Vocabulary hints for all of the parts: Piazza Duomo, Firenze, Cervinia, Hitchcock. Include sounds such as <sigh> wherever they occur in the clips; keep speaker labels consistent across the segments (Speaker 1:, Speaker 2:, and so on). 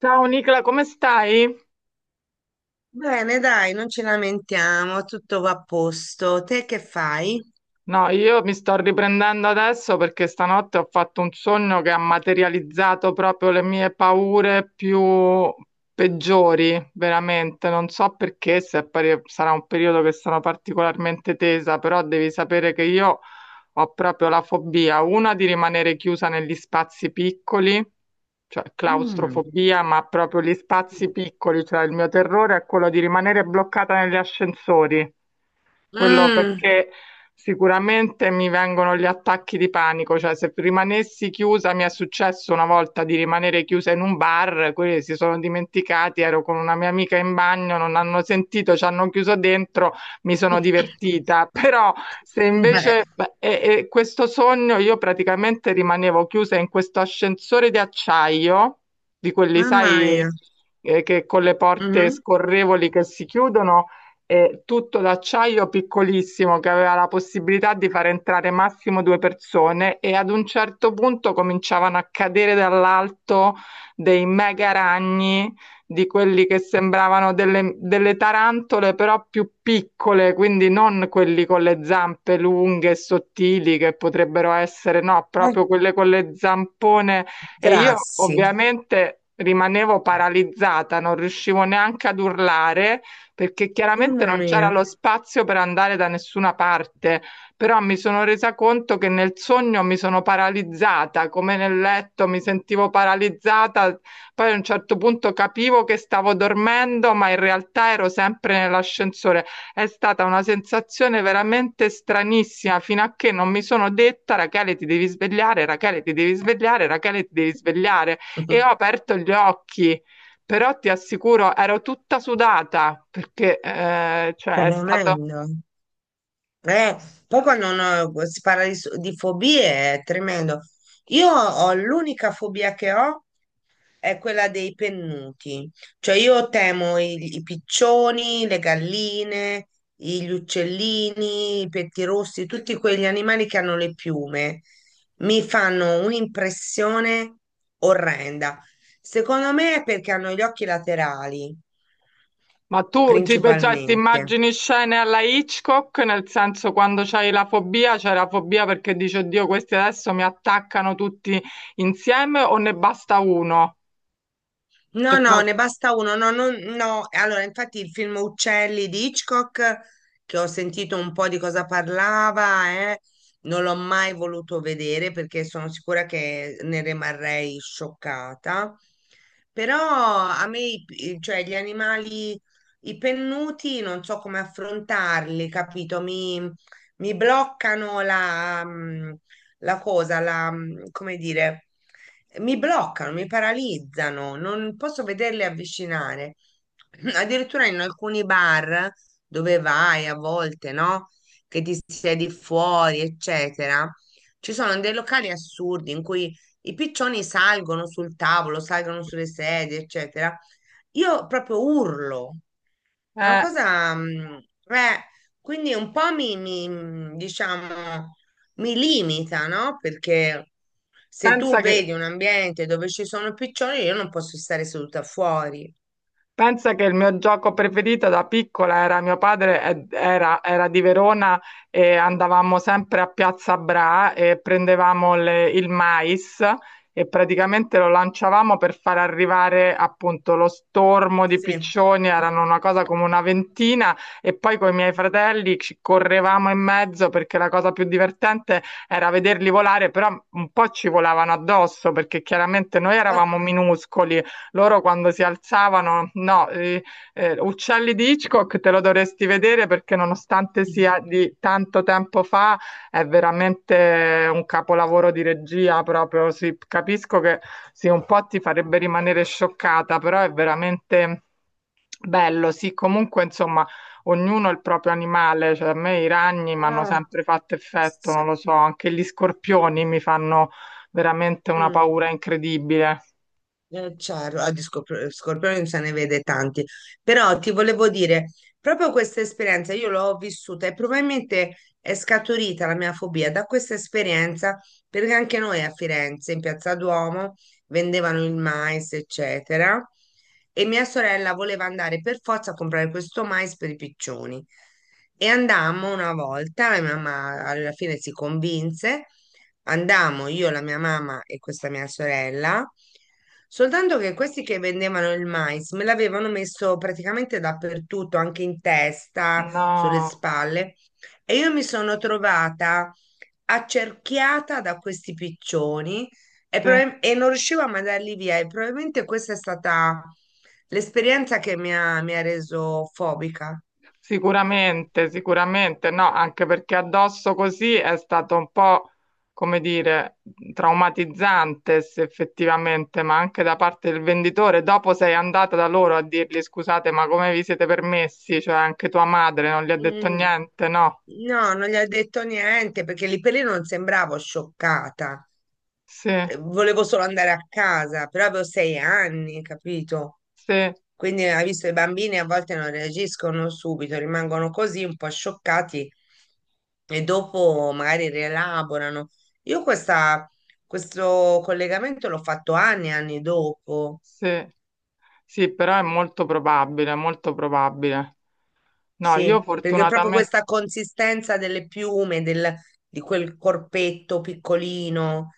Speaker 1: Ciao Nicola, come stai?
Speaker 2: Bene, dai, non ci lamentiamo, tutto va a posto. Te che fai?
Speaker 1: No, io mi sto riprendendo adesso perché stanotte ho fatto un sogno che ha materializzato proprio le mie paure più peggiori, veramente. Non so perché, se è pari- sarà un periodo che sono particolarmente tesa, però devi sapere che io ho proprio la fobia, una di rimanere chiusa negli spazi piccoli, cioè
Speaker 2: Mm.
Speaker 1: claustrofobia, ma proprio gli spazi piccoli, cioè il mio terrore è quello di rimanere bloccata negli ascensori. Quello
Speaker 2: Mm.
Speaker 1: perché sicuramente mi vengono gli attacchi di panico, cioè se rimanessi chiusa, mi è successo una volta di rimanere chiusa in un bar, quelli si sono dimenticati, ero con una mia amica in bagno, non hanno sentito, ci hanno chiuso dentro, mi sono divertita, <laughs> però se
Speaker 2: <laughs> Eh,
Speaker 1: invece beh, e questo sogno io praticamente rimanevo chiusa in questo ascensore di acciaio, di quelli,
Speaker 2: mamma
Speaker 1: sai,
Speaker 2: mia.
Speaker 1: che con le porte
Speaker 2: Mhm.
Speaker 1: scorrevoli che si chiudono tutto d'acciaio piccolissimo che aveva la possibilità di far entrare massimo due persone e ad un certo punto cominciavano a cadere dall'alto dei mega ragni di quelli che sembravano delle tarantole però più piccole, quindi non quelli con le zampe lunghe e sottili che potrebbero essere, no,
Speaker 2: Ai,
Speaker 1: proprio quelle con le zampone e io
Speaker 2: grassi.
Speaker 1: ovviamente rimanevo paralizzata, non riuscivo neanche ad urlare perché chiaramente
Speaker 2: Mamma
Speaker 1: non c'era
Speaker 2: mia.
Speaker 1: lo spazio per andare da nessuna parte, però mi sono resa conto che nel sogno mi sono paralizzata, come nel letto mi sentivo paralizzata, poi a un certo punto capivo che stavo dormendo, ma in realtà ero sempre nell'ascensore. È stata una sensazione veramente stranissima, fino a che non mi sono detta, Rachele, ti devi svegliare, Rachele, ti devi svegliare, Rachele, ti devi svegliare. E ho
Speaker 2: <laughs>
Speaker 1: aperto gli occhi però ti assicuro, ero tutta sudata perché cioè, è stato.
Speaker 2: Tremendo. Eh, Poi quando uno si parla di fobie è tremendo. Io ho l'unica fobia che ho, è quella dei pennuti. Cioè io temo i piccioni, le galline, gli uccellini, i pettirossi, tutti quegli animali che hanno le piume. Mi fanno un'impressione orrenda. Secondo me è perché hanno gli occhi laterali,
Speaker 1: Ma tu ti, cioè, ti
Speaker 2: principalmente.
Speaker 1: immagini scene alla Hitchcock, nel senso quando c'hai la fobia, c'è la fobia perché dici, oddio, questi adesso mi attaccano tutti insieme o ne basta uno? E
Speaker 2: No, no,
Speaker 1: pro-
Speaker 2: ne basta uno. No, no, no. Allora, infatti il film Uccelli di Hitchcock, che ho sentito un po' di cosa parlava, non l'ho mai voluto vedere perché sono sicura che ne rimarrei scioccata. Però a me, cioè, gli animali, i pennuti, non so come affrontarli, capito? Mi bloccano la cosa, come dire, mi bloccano, mi paralizzano, non posso vederle avvicinare. <clears throat> Addirittura in alcuni bar dove vai a volte, no? Che ti siedi fuori, eccetera. Ci sono dei locali assurdi in cui i piccioni salgono sul tavolo, salgono sulle sedie, eccetera. Io proprio urlo, è una
Speaker 1: eh,
Speaker 2: cosa, eh, quindi un po' mi, diciamo, mi limita, no? Perché se tu
Speaker 1: pensa che.
Speaker 2: vedi un ambiente dove ci sono piccioni, io non posso stare seduta fuori.
Speaker 1: Pensa che il mio gioco preferito da piccola era mio padre era di Verona e andavamo sempre a Piazza Bra e prendevamo il mais e praticamente lo lanciavamo per far arrivare appunto lo stormo di
Speaker 2: Sì.
Speaker 1: piccioni, erano una cosa come una ventina e poi con i miei fratelli ci correvamo in mezzo perché la cosa più divertente era vederli volare, però un po' ci volavano addosso perché chiaramente noi
Speaker 2: Ah. Ah.
Speaker 1: eravamo minuscoli loro quando si alzavano, no, Uccelli di Hitchcock te lo dovresti vedere perché nonostante sia di tanto tempo fa, è veramente un capolavoro di regia proprio, sì, capisco che sì, un po' ti farebbe rimanere scioccata, però è veramente bello, sì, comunque insomma ognuno ha il proprio animale, cioè a me i ragni mi hanno
Speaker 2: <laughs>
Speaker 1: sempre fatto effetto,
Speaker 2: Sì.
Speaker 1: non lo so, anche gli scorpioni mi fanno veramente una
Speaker 2: Mm.
Speaker 1: paura incredibile.
Speaker 2: Certo, di scorpioni se ne vede tanti, però ti volevo dire, proprio questa esperienza io l'ho vissuta e probabilmente è scaturita la mia fobia da questa esperienza, perché anche noi a Firenze, in Piazza Duomo, vendevano il mais, eccetera, e mia sorella voleva andare per forza a comprare questo mais per i piccioni. E andammo una volta, la mia mamma alla fine si convinse, andammo io, la mia mamma e questa mia sorella. Soltanto che questi che vendevano il mais me l'avevano messo praticamente dappertutto, anche in testa, sulle
Speaker 1: No,
Speaker 2: spalle, e io mi sono trovata accerchiata da questi piccioni
Speaker 1: sì.
Speaker 2: e non riuscivo a mandarli via. E probabilmente questa è stata l'esperienza che mi ha reso fobica.
Speaker 1: Sicuramente, sicuramente, no, anche perché addosso così è stato un po', come dire, traumatizzante se effettivamente, ma anche da parte del venditore. Dopo sei andata da loro a dirgli scusate, ma come vi siete permessi? Cioè anche tua madre non gli ha detto
Speaker 2: Mm.
Speaker 1: niente, no?
Speaker 2: No, non gli ho detto niente perché lì per lì non sembravo scioccata.
Speaker 1: Sì,
Speaker 2: Volevo solo andare a casa, però avevo sei anni, capito?
Speaker 1: sì,
Speaker 2: Quindi hai visto, i bambini a volte non reagiscono subito, rimangono così un po' scioccati e dopo magari rielaborano. Io questo collegamento l'ho fatto anni e anni dopo,
Speaker 1: sì, sì, però è molto probabile, molto probabile. No, io
Speaker 2: sì, perché proprio
Speaker 1: fortunatamente,
Speaker 2: questa consistenza delle piume, di quel corpetto piccolino,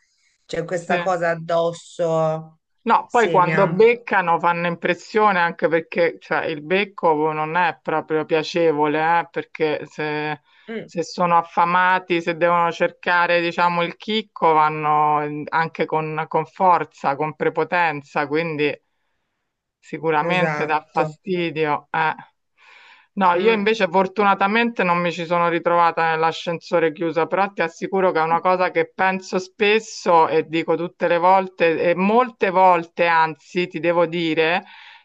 Speaker 2: c'è
Speaker 1: sì.
Speaker 2: questa cosa addosso,
Speaker 1: No, poi
Speaker 2: sì, mi
Speaker 1: quando
Speaker 2: ha.
Speaker 1: beccano fanno impressione anche perché cioè, il becco non è proprio piacevole, perché se,
Speaker 2: Mm.
Speaker 1: se sono affamati, se devono cercare, diciamo, il chicco, vanno anche con, forza, con prepotenza, quindi sicuramente dà
Speaker 2: Esatto.
Speaker 1: fastidio. Eh. No, io
Speaker 2: Mm.
Speaker 1: invece fortunatamente non mi ci sono ritrovata nell'ascensore chiuso, però ti assicuro che è una cosa che penso spesso e dico tutte le volte, e molte volte, anzi, ti devo dire,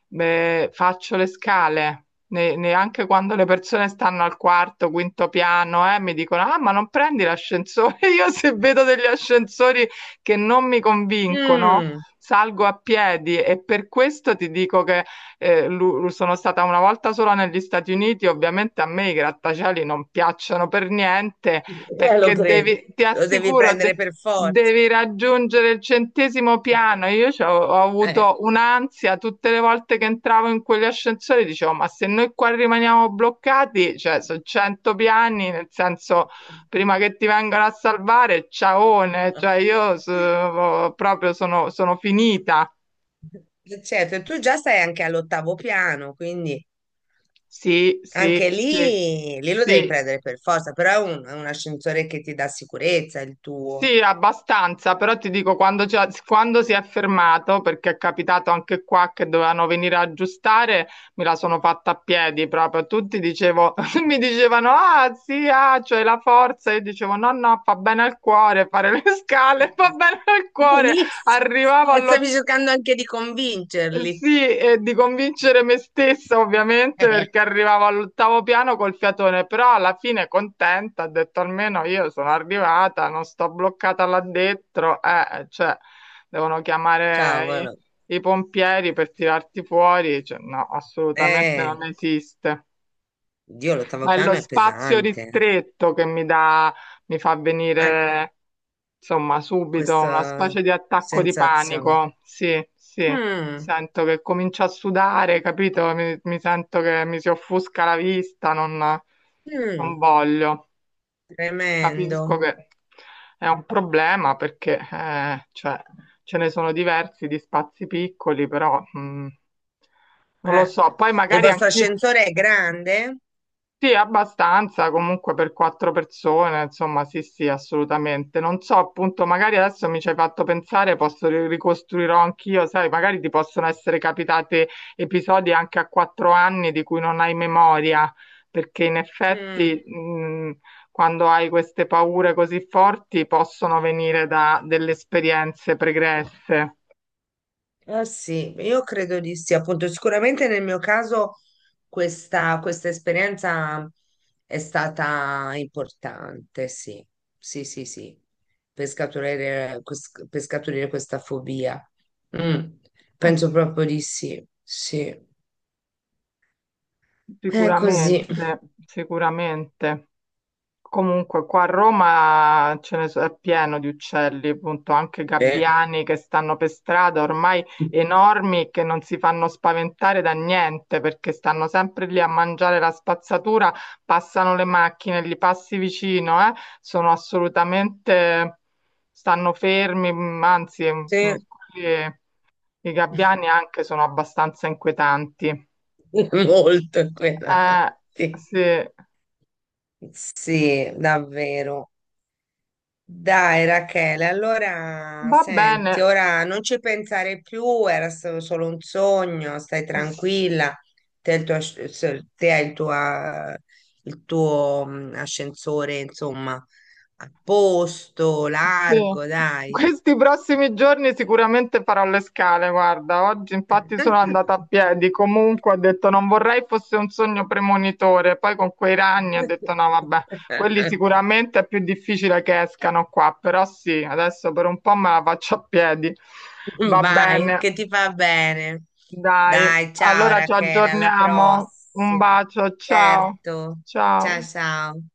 Speaker 1: beh, faccio le scale. Neanche quando le persone stanno al quarto, quinto piano, mi dicono: Ah, ma non prendi l'ascensore? <laughs> Io se vedo degli ascensori che non mi convincono,
Speaker 2: Mm.
Speaker 1: salgo a piedi e per questo ti dico che sono stata una volta sola negli Stati Uniti. Ovviamente a me i grattacieli non piacciono per niente
Speaker 2: Lo
Speaker 1: perché
Speaker 2: credo,
Speaker 1: devi, ti
Speaker 2: lo devi
Speaker 1: assicuro,
Speaker 2: prendere per forza.
Speaker 1: devi raggiungere il centesimo piano.
Speaker 2: <laughs>
Speaker 1: Io ho,
Speaker 2: Eh.
Speaker 1: avuto un'ansia tutte le volte che entravo in quegli ascensori, dicevo, ma se noi qua rimaniamo bloccati, cioè sono 100 piani, nel senso, prima che ti vengano a salvare, ciaone, cioè io proprio sono finita.
Speaker 2: Certo, e tu già stai anche all'ottavo piano, quindi
Speaker 1: Sì, sì,
Speaker 2: anche
Speaker 1: sì,
Speaker 2: lì lo devi
Speaker 1: sì.
Speaker 2: prendere per forza, però è un ascensore che ti dà sicurezza, il tuo.
Speaker 1: Sì, abbastanza, però ti dico, quando, quando si è fermato, perché è capitato anche qua che dovevano venire a aggiustare, me la sono fatta a piedi proprio. Tutti dicevo, <laughs> mi dicevano, ah sì, ah, c'hai la forza. Io dicevo, no, no, fa bene al cuore fare le <laughs> scale, fa bene al cuore.
Speaker 2: Benissimo,
Speaker 1: Arrivavo all'ottavo
Speaker 2: stavi cercando anche di convincerli.
Speaker 1: sì, e di convincere me stessa
Speaker 2: <laughs>
Speaker 1: ovviamente
Speaker 2: Eh.
Speaker 1: perché arrivavo all'ottavo piano col fiatone, però alla fine contenta, ho detto almeno io sono arrivata, non sto bloccata là dentro, cioè devono chiamare
Speaker 2: Cavolo,
Speaker 1: i pompieri per tirarti fuori, cioè, no, assolutamente
Speaker 2: eh,
Speaker 1: non esiste.
Speaker 2: Dio, l'ottavo
Speaker 1: Ma è lo
Speaker 2: piano è
Speaker 1: spazio
Speaker 2: pesante. Eh.
Speaker 1: ristretto che mi dà, mi fa
Speaker 2: Eh,
Speaker 1: venire, insomma, subito una
Speaker 2: Questa
Speaker 1: specie di attacco di
Speaker 2: sensazione.
Speaker 1: panico. Sì, sì,
Speaker 2: Mm,
Speaker 1: sento che comincio a sudare, capito? Mi sento che mi si offusca la vista, non
Speaker 2: mm,
Speaker 1: voglio.
Speaker 2: Tremendo.
Speaker 1: Capisco che è un problema perché, cioè, ce ne sono diversi di spazi piccoli, però, non lo
Speaker 2: Eh.
Speaker 1: so. Poi
Speaker 2: E il
Speaker 1: magari
Speaker 2: vostro
Speaker 1: anch'io.
Speaker 2: ascensore è grande?
Speaker 1: Sì, abbastanza, comunque per quattro persone, insomma, sì, sì, assolutamente. Non so, appunto, magari adesso mi ci hai fatto pensare, posso ricostruirò anch'io, sai, magari ti possono essere capitati episodi anche a 4 anni di cui non hai memoria, perché in
Speaker 2: Mm,
Speaker 1: effetti, quando hai queste paure così forti, possono venire da delle esperienze pregresse.
Speaker 2: eh sì, io credo di sì. Appunto, sicuramente nel mio caso questa esperienza è stata importante, sì. Sì, sì, sì. Per scaturire questa fobia. Mm, penso
Speaker 1: Sì,
Speaker 2: proprio di sì. Sì. È così.
Speaker 1: sicuramente, sicuramente. Comunque, qua a Roma è pieno di uccelli, appunto, anche
Speaker 2: Eh.
Speaker 1: gabbiani che stanno per strada, ormai enormi, che non si fanno spaventare da niente perché stanno sempre lì a mangiare la spazzatura, passano le macchine, li passi vicino, sono assolutamente, stanno fermi, anzi,
Speaker 2: Sì,
Speaker 1: quelli- i gabbiani
Speaker 2: <laughs>
Speaker 1: anche sono abbastanza inquietanti.
Speaker 2: molto
Speaker 1: Eh,
Speaker 2: inquietanti.
Speaker 1: sì,
Speaker 2: Sì, davvero. Dai, Rachele, allora
Speaker 1: va
Speaker 2: senti,
Speaker 1: bene.
Speaker 2: ora non ci pensare più, era stato solo un sogno, stai tranquilla, te, e il tuo te hai il tuo, eh, ascensore, insomma, a posto,
Speaker 1: Sì,
Speaker 2: largo, dai.
Speaker 1: questi prossimi giorni sicuramente farò le scale, guarda, oggi infatti sono andata a piedi, comunque ho detto non vorrei fosse un sogno premonitore, poi con quei ragni ho detto no, vabbè, quelli
Speaker 2: <laughs>
Speaker 1: sicuramente è più difficile che escano qua, però sì, adesso per un po' me la faccio a piedi.
Speaker 2: <laughs>
Speaker 1: Va
Speaker 2: Vai,
Speaker 1: bene,
Speaker 2: che ti fa bene.
Speaker 1: dai,
Speaker 2: Dai, ciao
Speaker 1: allora ci
Speaker 2: Rachele, alla
Speaker 1: aggiorniamo, un
Speaker 2: prossima.
Speaker 1: bacio, ciao,
Speaker 2: Certo. Ciao,
Speaker 1: ciao.
Speaker 2: ciao.